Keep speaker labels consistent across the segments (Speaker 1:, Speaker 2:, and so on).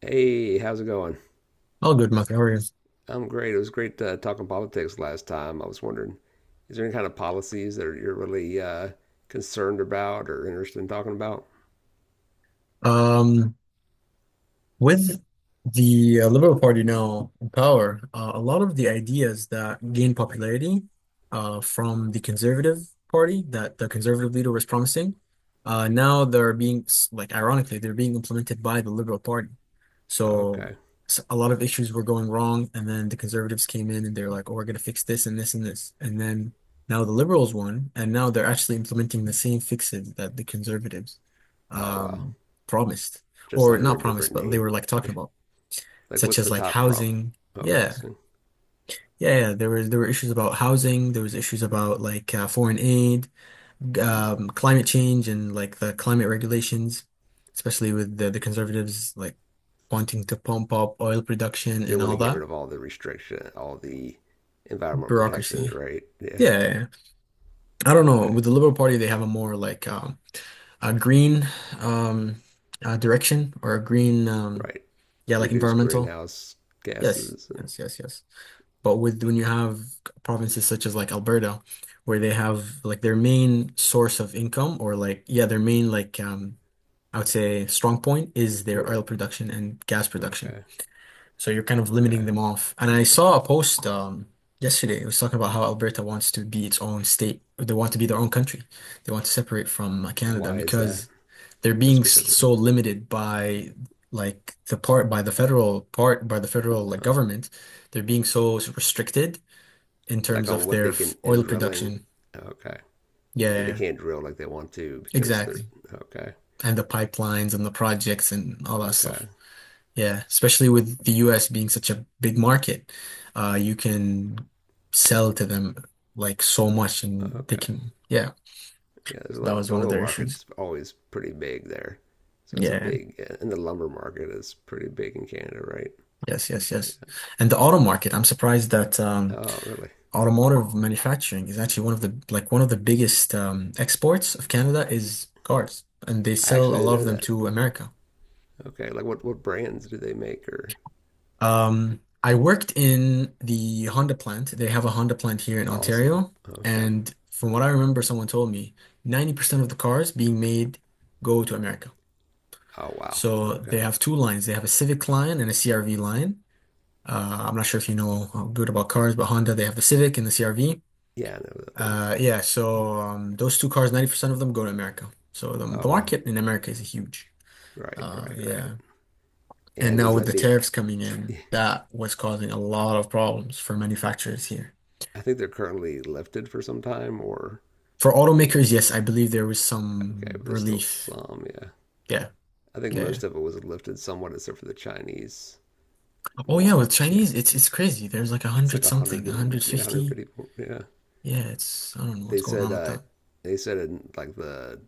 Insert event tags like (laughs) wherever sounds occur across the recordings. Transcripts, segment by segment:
Speaker 1: Hey, how's it going?
Speaker 2: All good, Mark. How are you?
Speaker 1: I'm great. It was great talking politics last time. I was wondering, is there any kind of policies that you're really concerned about or interested in talking about?
Speaker 2: Um, With the Liberal Party now in power, a lot of the ideas that gained popularity from the Conservative Party that the Conservative leader was promising, now they're being, like, ironically, they're being implemented by the Liberal Party. So,
Speaker 1: Okay.
Speaker 2: s a lot of issues were going wrong, and then the Conservatives came in and they're like, oh, we're going to fix this and this and this. And then now the Liberals won, and now they're actually implementing the same fixes that the Conservatives
Speaker 1: Oh, wow.
Speaker 2: um, promised,
Speaker 1: Just
Speaker 2: or
Speaker 1: under
Speaker 2: not
Speaker 1: a
Speaker 2: promised,
Speaker 1: different
Speaker 2: but they
Speaker 1: name.
Speaker 2: were like talking
Speaker 1: Yeah.
Speaker 2: about,
Speaker 1: Like,
Speaker 2: such
Speaker 1: what's
Speaker 2: as
Speaker 1: the
Speaker 2: like
Speaker 1: top prompt?
Speaker 2: housing.
Speaker 1: Oh,
Speaker 2: Yeah,
Speaker 1: housing.
Speaker 2: yeah, yeah. There were issues about housing. There was issues about like foreign aid,
Speaker 1: Mm.
Speaker 2: climate change, and like the climate regulations, especially with the conservatives like wanting to pump up oil production
Speaker 1: They
Speaker 2: and
Speaker 1: want
Speaker 2: all
Speaker 1: to get
Speaker 2: that
Speaker 1: rid of all the restriction, all the environmental protections,
Speaker 2: bureaucracy.
Speaker 1: right? Yeah.
Speaker 2: Yeah, yeah, yeah. I don't know.
Speaker 1: Okay.
Speaker 2: With the Liberal Party, they have a more like a green um, direction, or a green,
Speaker 1: Right.
Speaker 2: yeah, like
Speaker 1: Reduce
Speaker 2: environmental.
Speaker 1: greenhouse
Speaker 2: Yes,
Speaker 1: gases and
Speaker 2: yes, yes, yes. But with when you have provinces such as like Alberta, where they have like their main source of income, or like, yeah, their main like I would say strong point is their
Speaker 1: right.
Speaker 2: oil production and gas production.
Speaker 1: Okay.
Speaker 2: So you're kind of limiting
Speaker 1: Okay.
Speaker 2: them off. And I saw a post yesterday. It was talking about how Alberta wants to be its own state. They want to be their own country. They want to separate from Canada
Speaker 1: Why is that?
Speaker 2: because they're being
Speaker 1: Just because of that.
Speaker 2: so limited by like the part by the federal part by the federal
Speaker 1: Huh.
Speaker 2: government. They're being so restricted in
Speaker 1: Like
Speaker 2: terms
Speaker 1: on
Speaker 2: of
Speaker 1: what
Speaker 2: their
Speaker 1: they can in
Speaker 2: oil
Speaker 1: drilling.
Speaker 2: production.
Speaker 1: Okay. They
Speaker 2: Yeah,
Speaker 1: can't drill like they want to because they're
Speaker 2: exactly.
Speaker 1: okay.
Speaker 2: And the pipelines and the projects and all that
Speaker 1: Okay.
Speaker 2: stuff. Yeah, especially with the US being such a big market, you can sell to them like so much, and they
Speaker 1: Okay.
Speaker 2: can, yeah.
Speaker 1: Yeah, there's
Speaker 2: So
Speaker 1: a
Speaker 2: that
Speaker 1: lot of
Speaker 2: was
Speaker 1: the
Speaker 2: one of
Speaker 1: oil
Speaker 2: their issues.
Speaker 1: market's always pretty big there. So that's a
Speaker 2: Yeah,
Speaker 1: big yeah, and the lumber market is pretty big in Canada, right?
Speaker 2: yes, yes, yes. And the auto market, I'm surprised that
Speaker 1: Yeah. Oh, really?
Speaker 2: automotive manufacturing is actually one of the biggest exports of Canada is cars, and they
Speaker 1: I
Speaker 2: sell a
Speaker 1: actually
Speaker 2: lot
Speaker 1: didn't
Speaker 2: of
Speaker 1: know
Speaker 2: them
Speaker 1: that.
Speaker 2: to America.
Speaker 1: Okay. Like what brands do they make or
Speaker 2: I worked in the Honda plant. They have a Honda plant here in
Speaker 1: awesome.
Speaker 2: Ontario.
Speaker 1: Okay.
Speaker 2: And from what I remember, someone told me 90% of the cars being made go to America.
Speaker 1: Oh wow.
Speaker 2: So they
Speaker 1: Okay.
Speaker 2: have two lines. They have a Civic line and a CRV line. I'm not sure if you know how good about cars, but Honda, they have the Civic and the CRV.
Speaker 1: Yeah, I know what that is.
Speaker 2: Yeah, so those two cars, 90% of them go to America. So the,
Speaker 1: Oh
Speaker 2: the
Speaker 1: wow.
Speaker 2: market in America is huge.
Speaker 1: Right, right, right.
Speaker 2: Yeah. And
Speaker 1: And
Speaker 2: now
Speaker 1: is
Speaker 2: with
Speaker 1: that
Speaker 2: the
Speaker 1: being
Speaker 2: tariffs coming
Speaker 1: (laughs)
Speaker 2: in, that was causing a lot of problems for manufacturers here.
Speaker 1: I think they're currently lifted for some time or
Speaker 2: For
Speaker 1: Or,
Speaker 2: automakers, yes, I believe there was
Speaker 1: okay,
Speaker 2: some
Speaker 1: but there's still
Speaker 2: relief.
Speaker 1: some. Yeah,
Speaker 2: Yeah,
Speaker 1: I think
Speaker 2: yeah, yeah.
Speaker 1: most of it was lifted somewhat, except for the Chinese
Speaker 2: Oh, yeah,
Speaker 1: one.
Speaker 2: with
Speaker 1: Yeah,
Speaker 2: Chinese, it's crazy. There's like a
Speaker 1: it's like
Speaker 2: hundred something,
Speaker 1: 100
Speaker 2: a
Speaker 1: and
Speaker 2: hundred
Speaker 1: yeah,
Speaker 2: fifty.
Speaker 1: 150. Yeah,
Speaker 2: Yeah, it's I don't know
Speaker 1: they
Speaker 2: what's going
Speaker 1: said
Speaker 2: on with
Speaker 1: uh,
Speaker 2: that.
Speaker 1: they said in like the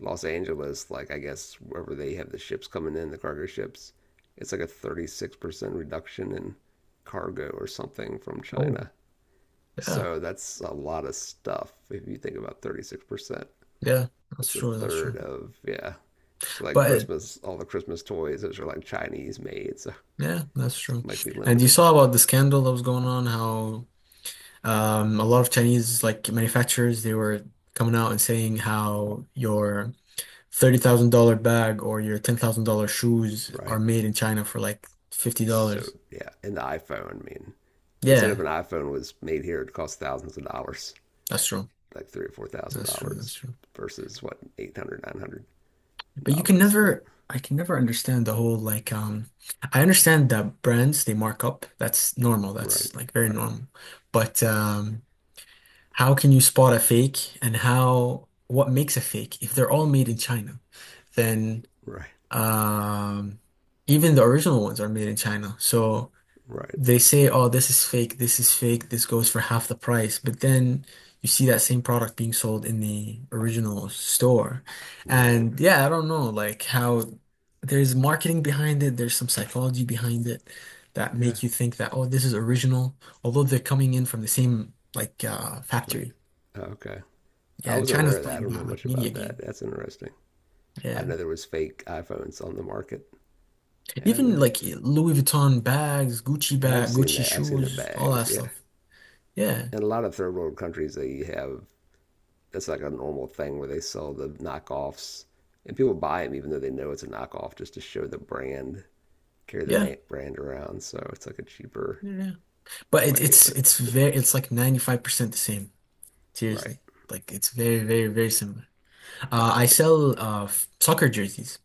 Speaker 1: Los Angeles, like I guess wherever they have the ships coming in, the cargo ships, it's like a 36% reduction in cargo or something from
Speaker 2: Oh,
Speaker 1: China.
Speaker 2: yeah,
Speaker 1: So that's a lot of stuff if you think about 36%.
Speaker 2: yeah. That's
Speaker 1: It's a
Speaker 2: true. That's true.
Speaker 1: third of yeah. So like
Speaker 2: But
Speaker 1: Christmas, all the Christmas toys, those are like Chinese made, so
Speaker 2: yeah, that's true.
Speaker 1: might be
Speaker 2: And you
Speaker 1: limited,
Speaker 2: saw about the scandal that was going on, how a lot of Chinese like manufacturers they were coming out and saying how your $30,000 bag or your $10,000 shoes
Speaker 1: right?
Speaker 2: are made in China for like
Speaker 1: So
Speaker 2: $50.
Speaker 1: yeah, and the iPhone. I mean, they said if
Speaker 2: Yeah,
Speaker 1: an iPhone was made here, it cost thousands of dollars,
Speaker 2: that's true.
Speaker 1: like three or four thousand
Speaker 2: That's true. That's
Speaker 1: dollars,
Speaker 2: true.
Speaker 1: versus what 800, nine hundred
Speaker 2: But you can
Speaker 1: dollars. But
Speaker 2: never, I can never understand the whole, like, I understand that brands they mark up. That's normal.
Speaker 1: right,
Speaker 2: That's like very
Speaker 1: right,
Speaker 2: normal. But, how can you spot a fake, and how, what makes a fake? If they're all made in China, then,
Speaker 1: right,
Speaker 2: um, even the original ones are made in China. So,
Speaker 1: right,
Speaker 2: they say, oh, this is fake, this is fake, this goes for half the price. But then you see that same product being sold in the original store.
Speaker 1: right.
Speaker 2: And yeah, I don't know, like how there's marketing behind it, there's some psychology behind it that
Speaker 1: Yeah,
Speaker 2: make you think that, oh, this is original, although they're coming in from the same like
Speaker 1: please.
Speaker 2: factory.
Speaker 1: Oh, okay, I
Speaker 2: Yeah, and
Speaker 1: wasn't aware
Speaker 2: China's
Speaker 1: of that. I
Speaker 2: playing
Speaker 1: don't know
Speaker 2: that like
Speaker 1: much
Speaker 2: media
Speaker 1: about that.
Speaker 2: game.
Speaker 1: That's interesting. I
Speaker 2: Yeah.
Speaker 1: know there was fake iPhones on the market, and I
Speaker 2: Even
Speaker 1: never.
Speaker 2: like Louis Vuitton bags, Gucci
Speaker 1: Yeah, I've
Speaker 2: bag,
Speaker 1: seen
Speaker 2: Gucci
Speaker 1: that. I've seen the
Speaker 2: shoes, all that
Speaker 1: bags. Yeah.
Speaker 2: stuff. Yeah.
Speaker 1: In a lot of third world countries, they have that's like a normal thing where they sell the knockoffs, and people buy them even though they know it's a knockoff just to show the brand, carry
Speaker 2: Yeah.
Speaker 1: the brand around. So it's like a cheaper
Speaker 2: Yeah. But it,
Speaker 1: way.
Speaker 2: it's
Speaker 1: But
Speaker 2: it's very, it's like 95% the same.
Speaker 1: right,
Speaker 2: Seriously. Like it's very, very, very similar. I
Speaker 1: right,
Speaker 2: sell soccer jerseys.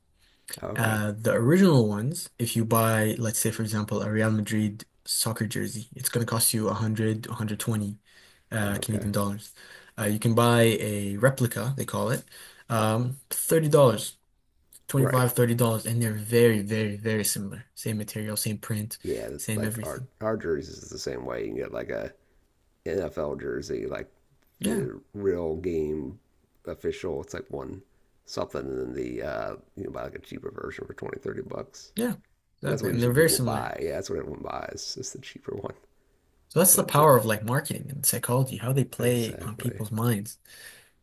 Speaker 1: okay,
Speaker 2: The original ones, if you buy, let's say, for example, a Real Madrid soccer jersey, it's gonna cost you 100, 120
Speaker 1: okay,
Speaker 2: Canadian dollars. You can buy a replica, they call it, $30, twenty
Speaker 1: right.
Speaker 2: five, $30, and they're very, very, very similar. Same material, same print,
Speaker 1: Yeah, it's
Speaker 2: same
Speaker 1: like our
Speaker 2: everything.
Speaker 1: our jerseys is the same way. You can get like a NFL jersey, like
Speaker 2: Yeah,
Speaker 1: the real game official. It's like one something, and then the uh, buy like a cheaper version for 20, $30,
Speaker 2: yeah,
Speaker 1: and that's
Speaker 2: exactly.
Speaker 1: what
Speaker 2: And they're
Speaker 1: usually
Speaker 2: very
Speaker 1: people
Speaker 2: similar.
Speaker 1: buy. Yeah, that's what everyone buys. It's the cheaper one,
Speaker 2: So that's the
Speaker 1: but
Speaker 2: power of like marketing and psychology, how they play on
Speaker 1: exactly.
Speaker 2: people's minds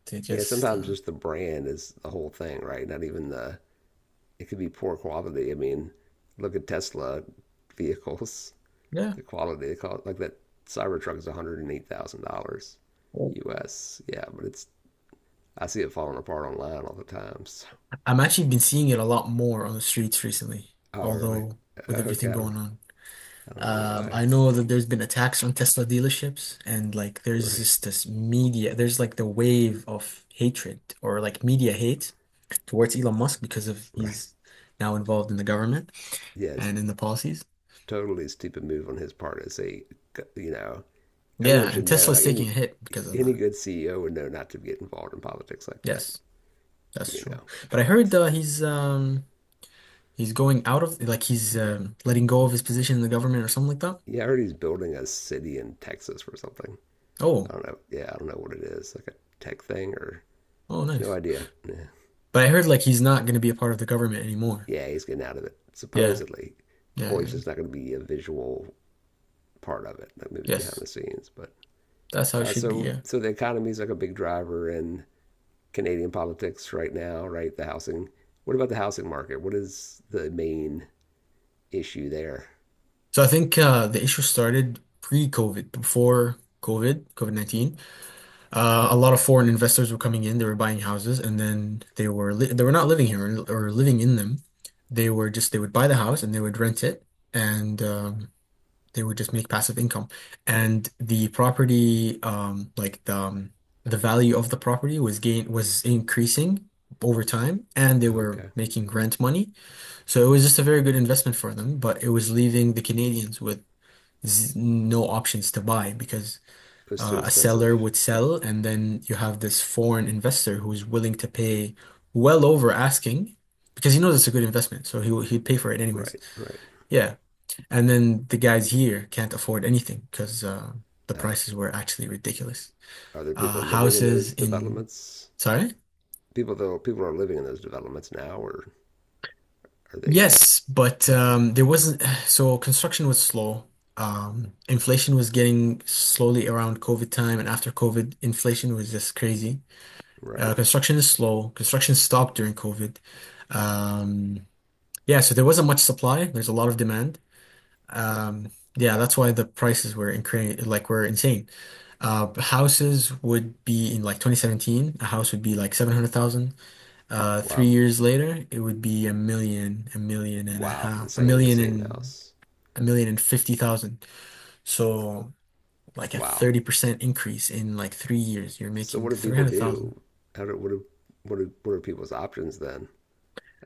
Speaker 2: to
Speaker 1: Yeah,
Speaker 2: just,
Speaker 1: sometimes just the brand is the whole thing, right? Not even the it could be poor quality. I mean, look at Tesla vehicles. (laughs)
Speaker 2: yeah.
Speaker 1: The quality they call it like that Cybertruck is $108,000
Speaker 2: Well,
Speaker 1: U.S. Yeah, but it's I see it falling apart online all the time. So.
Speaker 2: I'm actually been seeing it a lot more on the streets recently,
Speaker 1: Oh, really?
Speaker 2: although with
Speaker 1: Okay,
Speaker 2: everything going on.
Speaker 1: I don't know why.
Speaker 2: I know that there's been attacks on Tesla dealerships, and like there's
Speaker 1: Right,
Speaker 2: just this media, there's like the wave of hatred or like media hate towards Elon Musk because of
Speaker 1: right.
Speaker 2: he's now involved in the government
Speaker 1: Yes,
Speaker 2: and
Speaker 1: yeah,
Speaker 2: in the policies.
Speaker 1: totally stupid move on his part to say, you know, everyone
Speaker 2: Yeah,
Speaker 1: should
Speaker 2: and
Speaker 1: know.
Speaker 2: Tesla's
Speaker 1: Like
Speaker 2: taking
Speaker 1: any
Speaker 2: a hit because of
Speaker 1: any
Speaker 2: that.
Speaker 1: good CEO would know not to get involved in politics like that.
Speaker 2: Yes. That's
Speaker 1: You
Speaker 2: true.
Speaker 1: know,
Speaker 2: But I heard
Speaker 1: but
Speaker 2: he's going out of like, he's letting go of his position in the government or something like that.
Speaker 1: yeah, I heard he's building a city in Texas or something. I
Speaker 2: Oh,
Speaker 1: don't know. Yeah, I don't know what it is. Like a tech thing or
Speaker 2: oh,
Speaker 1: no
Speaker 2: nice.
Speaker 1: idea. Yeah,
Speaker 2: But I heard like he's not going to be a part of the government anymore.
Speaker 1: yeah he's getting out of it
Speaker 2: Yeah,
Speaker 1: supposedly,
Speaker 2: yeah,
Speaker 1: or he's
Speaker 2: yeah,
Speaker 1: just not going to be a visual part of it, like maybe behind
Speaker 2: yes.
Speaker 1: the scenes. But
Speaker 2: That's how it
Speaker 1: uh,
Speaker 2: should be.
Speaker 1: so,
Speaker 2: Yeah.
Speaker 1: the economy is like a big driver in Canadian politics right now, right? The housing. What about the housing market? What is the main issue there?
Speaker 2: So I think, the issue started pre-COVID, before COVID, COVID-19. A lot of foreign investors were coming in. They were buying houses, and then they were not living here or living in them. They were just they would buy the house and they would rent it and. They would just make passive income. And the property, like the value of the property was increasing over time, and they were
Speaker 1: Okay,
Speaker 2: making rent money. So it was just a very good investment for them, but it was leaving the Canadians with z no options to buy, because
Speaker 1: it's too
Speaker 2: a
Speaker 1: expensive.
Speaker 2: seller would sell, and then you have this foreign investor who's willing to pay well over asking, because he knows it's a good investment, so he'd pay for it anyways.
Speaker 1: Right, right.
Speaker 2: Yeah. And then the guys here can't afford anything because the
Speaker 1: Uh,
Speaker 2: prices were actually ridiculous.
Speaker 1: are there people living in
Speaker 2: Houses
Speaker 1: those
Speaker 2: in,
Speaker 1: developments?
Speaker 2: sorry?
Speaker 1: People though, people are living in those developments now, or are they?
Speaker 2: Yes, but
Speaker 1: Okay,
Speaker 2: there wasn't, (sighs) so construction was slow. Inflation was getting slowly around COVID time, and after COVID, inflation was just crazy.
Speaker 1: right.
Speaker 2: Construction is slow. Construction stopped during COVID. Um, yeah, so there wasn't much supply. There's a lot of demand. Um, yeah, that's why the prices were incre like were insane. Houses would be in like 2017, a house would be like 700,000. Three
Speaker 1: Wow,
Speaker 2: years later, it would be a million and a
Speaker 1: wow. For
Speaker 2: half, a
Speaker 1: the
Speaker 2: million
Speaker 1: same
Speaker 2: and
Speaker 1: house.
Speaker 2: a million and fifty thousand. So like a
Speaker 1: Wow.
Speaker 2: 30% increase in like 3 years, you're
Speaker 1: So, what
Speaker 2: making
Speaker 1: do people
Speaker 2: 300,000.
Speaker 1: do? How do what are people's options then?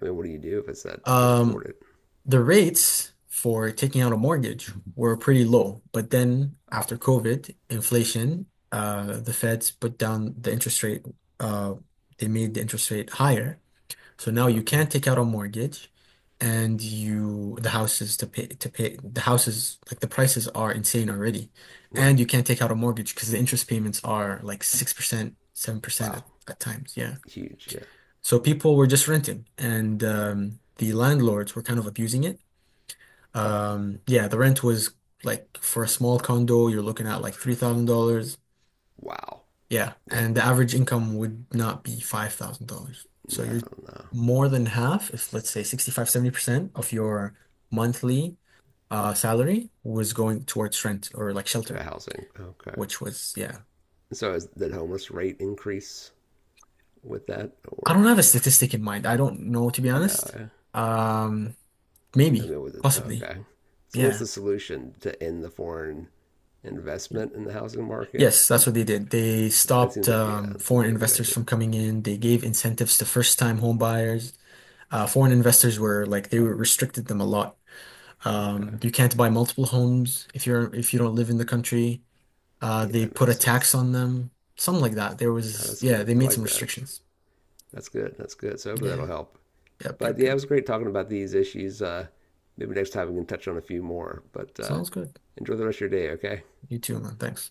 Speaker 1: I mean, what do you do if it's that you can't
Speaker 2: Um,
Speaker 1: afford it?
Speaker 2: the rates for taking out a mortgage were pretty low, but then
Speaker 1: Oh,
Speaker 2: after COVID, inflation, the feds put down the interest rate, uh, they made the interest rate higher. So now you
Speaker 1: okay.
Speaker 2: can't take out a mortgage, and you, the house is to pay the houses, like the prices are insane already. And
Speaker 1: Right.
Speaker 2: you can't take out a mortgage because the interest payments are like 6%, 7%
Speaker 1: Wow.
Speaker 2: at times. Yeah.
Speaker 1: Huge. Yeah.
Speaker 2: So people were just renting, and the landlords were kind of abusing it. Yeah, the rent was like for a small condo, you're looking at like $3,000.
Speaker 1: Wow.
Speaker 2: Yeah,
Speaker 1: Yeah.
Speaker 2: and the average income would not be $5,000. So
Speaker 1: No,
Speaker 2: you're
Speaker 1: no.
Speaker 2: more than half, if let's say 65, 70% of your monthly salary was going towards rent or like
Speaker 1: To
Speaker 2: shelter,
Speaker 1: housing. Okay.
Speaker 2: which was, yeah.
Speaker 1: So is, the homeless rate increase with that
Speaker 2: I don't
Speaker 1: or
Speaker 2: have a statistic in mind. I don't know, to be honest.
Speaker 1: no?
Speaker 2: Um,
Speaker 1: I
Speaker 2: Maybe,
Speaker 1: mean, with it,
Speaker 2: possibly.
Speaker 1: okay. So what's
Speaker 2: Yeah.
Speaker 1: the solution to end the foreign investment in the housing
Speaker 2: Yes,
Speaker 1: market?
Speaker 2: that's what they did. They
Speaker 1: That
Speaker 2: stopped
Speaker 1: seems like, yeah, that seems
Speaker 2: foreign
Speaker 1: like a good
Speaker 2: investors
Speaker 1: idea.
Speaker 2: from coming in. They gave incentives to first-time home buyers. Foreign investors they were restricted them a lot.
Speaker 1: Okay.
Speaker 2: You can't buy multiple homes if you don't live in the country.
Speaker 1: Yeah,
Speaker 2: They
Speaker 1: it
Speaker 2: put a
Speaker 1: makes
Speaker 2: tax
Speaker 1: sense.
Speaker 2: on them, something like that. There
Speaker 1: No,
Speaker 2: was,
Speaker 1: that's
Speaker 2: yeah,
Speaker 1: good.
Speaker 2: they
Speaker 1: I
Speaker 2: made some
Speaker 1: like that.
Speaker 2: restrictions.
Speaker 1: That's good. That's good. So hopefully that'll
Speaker 2: Yeah.
Speaker 1: help.
Speaker 2: Yep,
Speaker 1: But
Speaker 2: yep,
Speaker 1: yeah, it
Speaker 2: yep.
Speaker 1: was great talking about these issues. Maybe next time we can touch on a few more. But
Speaker 2: Sounds good.
Speaker 1: enjoy the rest of your day, okay?
Speaker 2: You too, man. Thanks.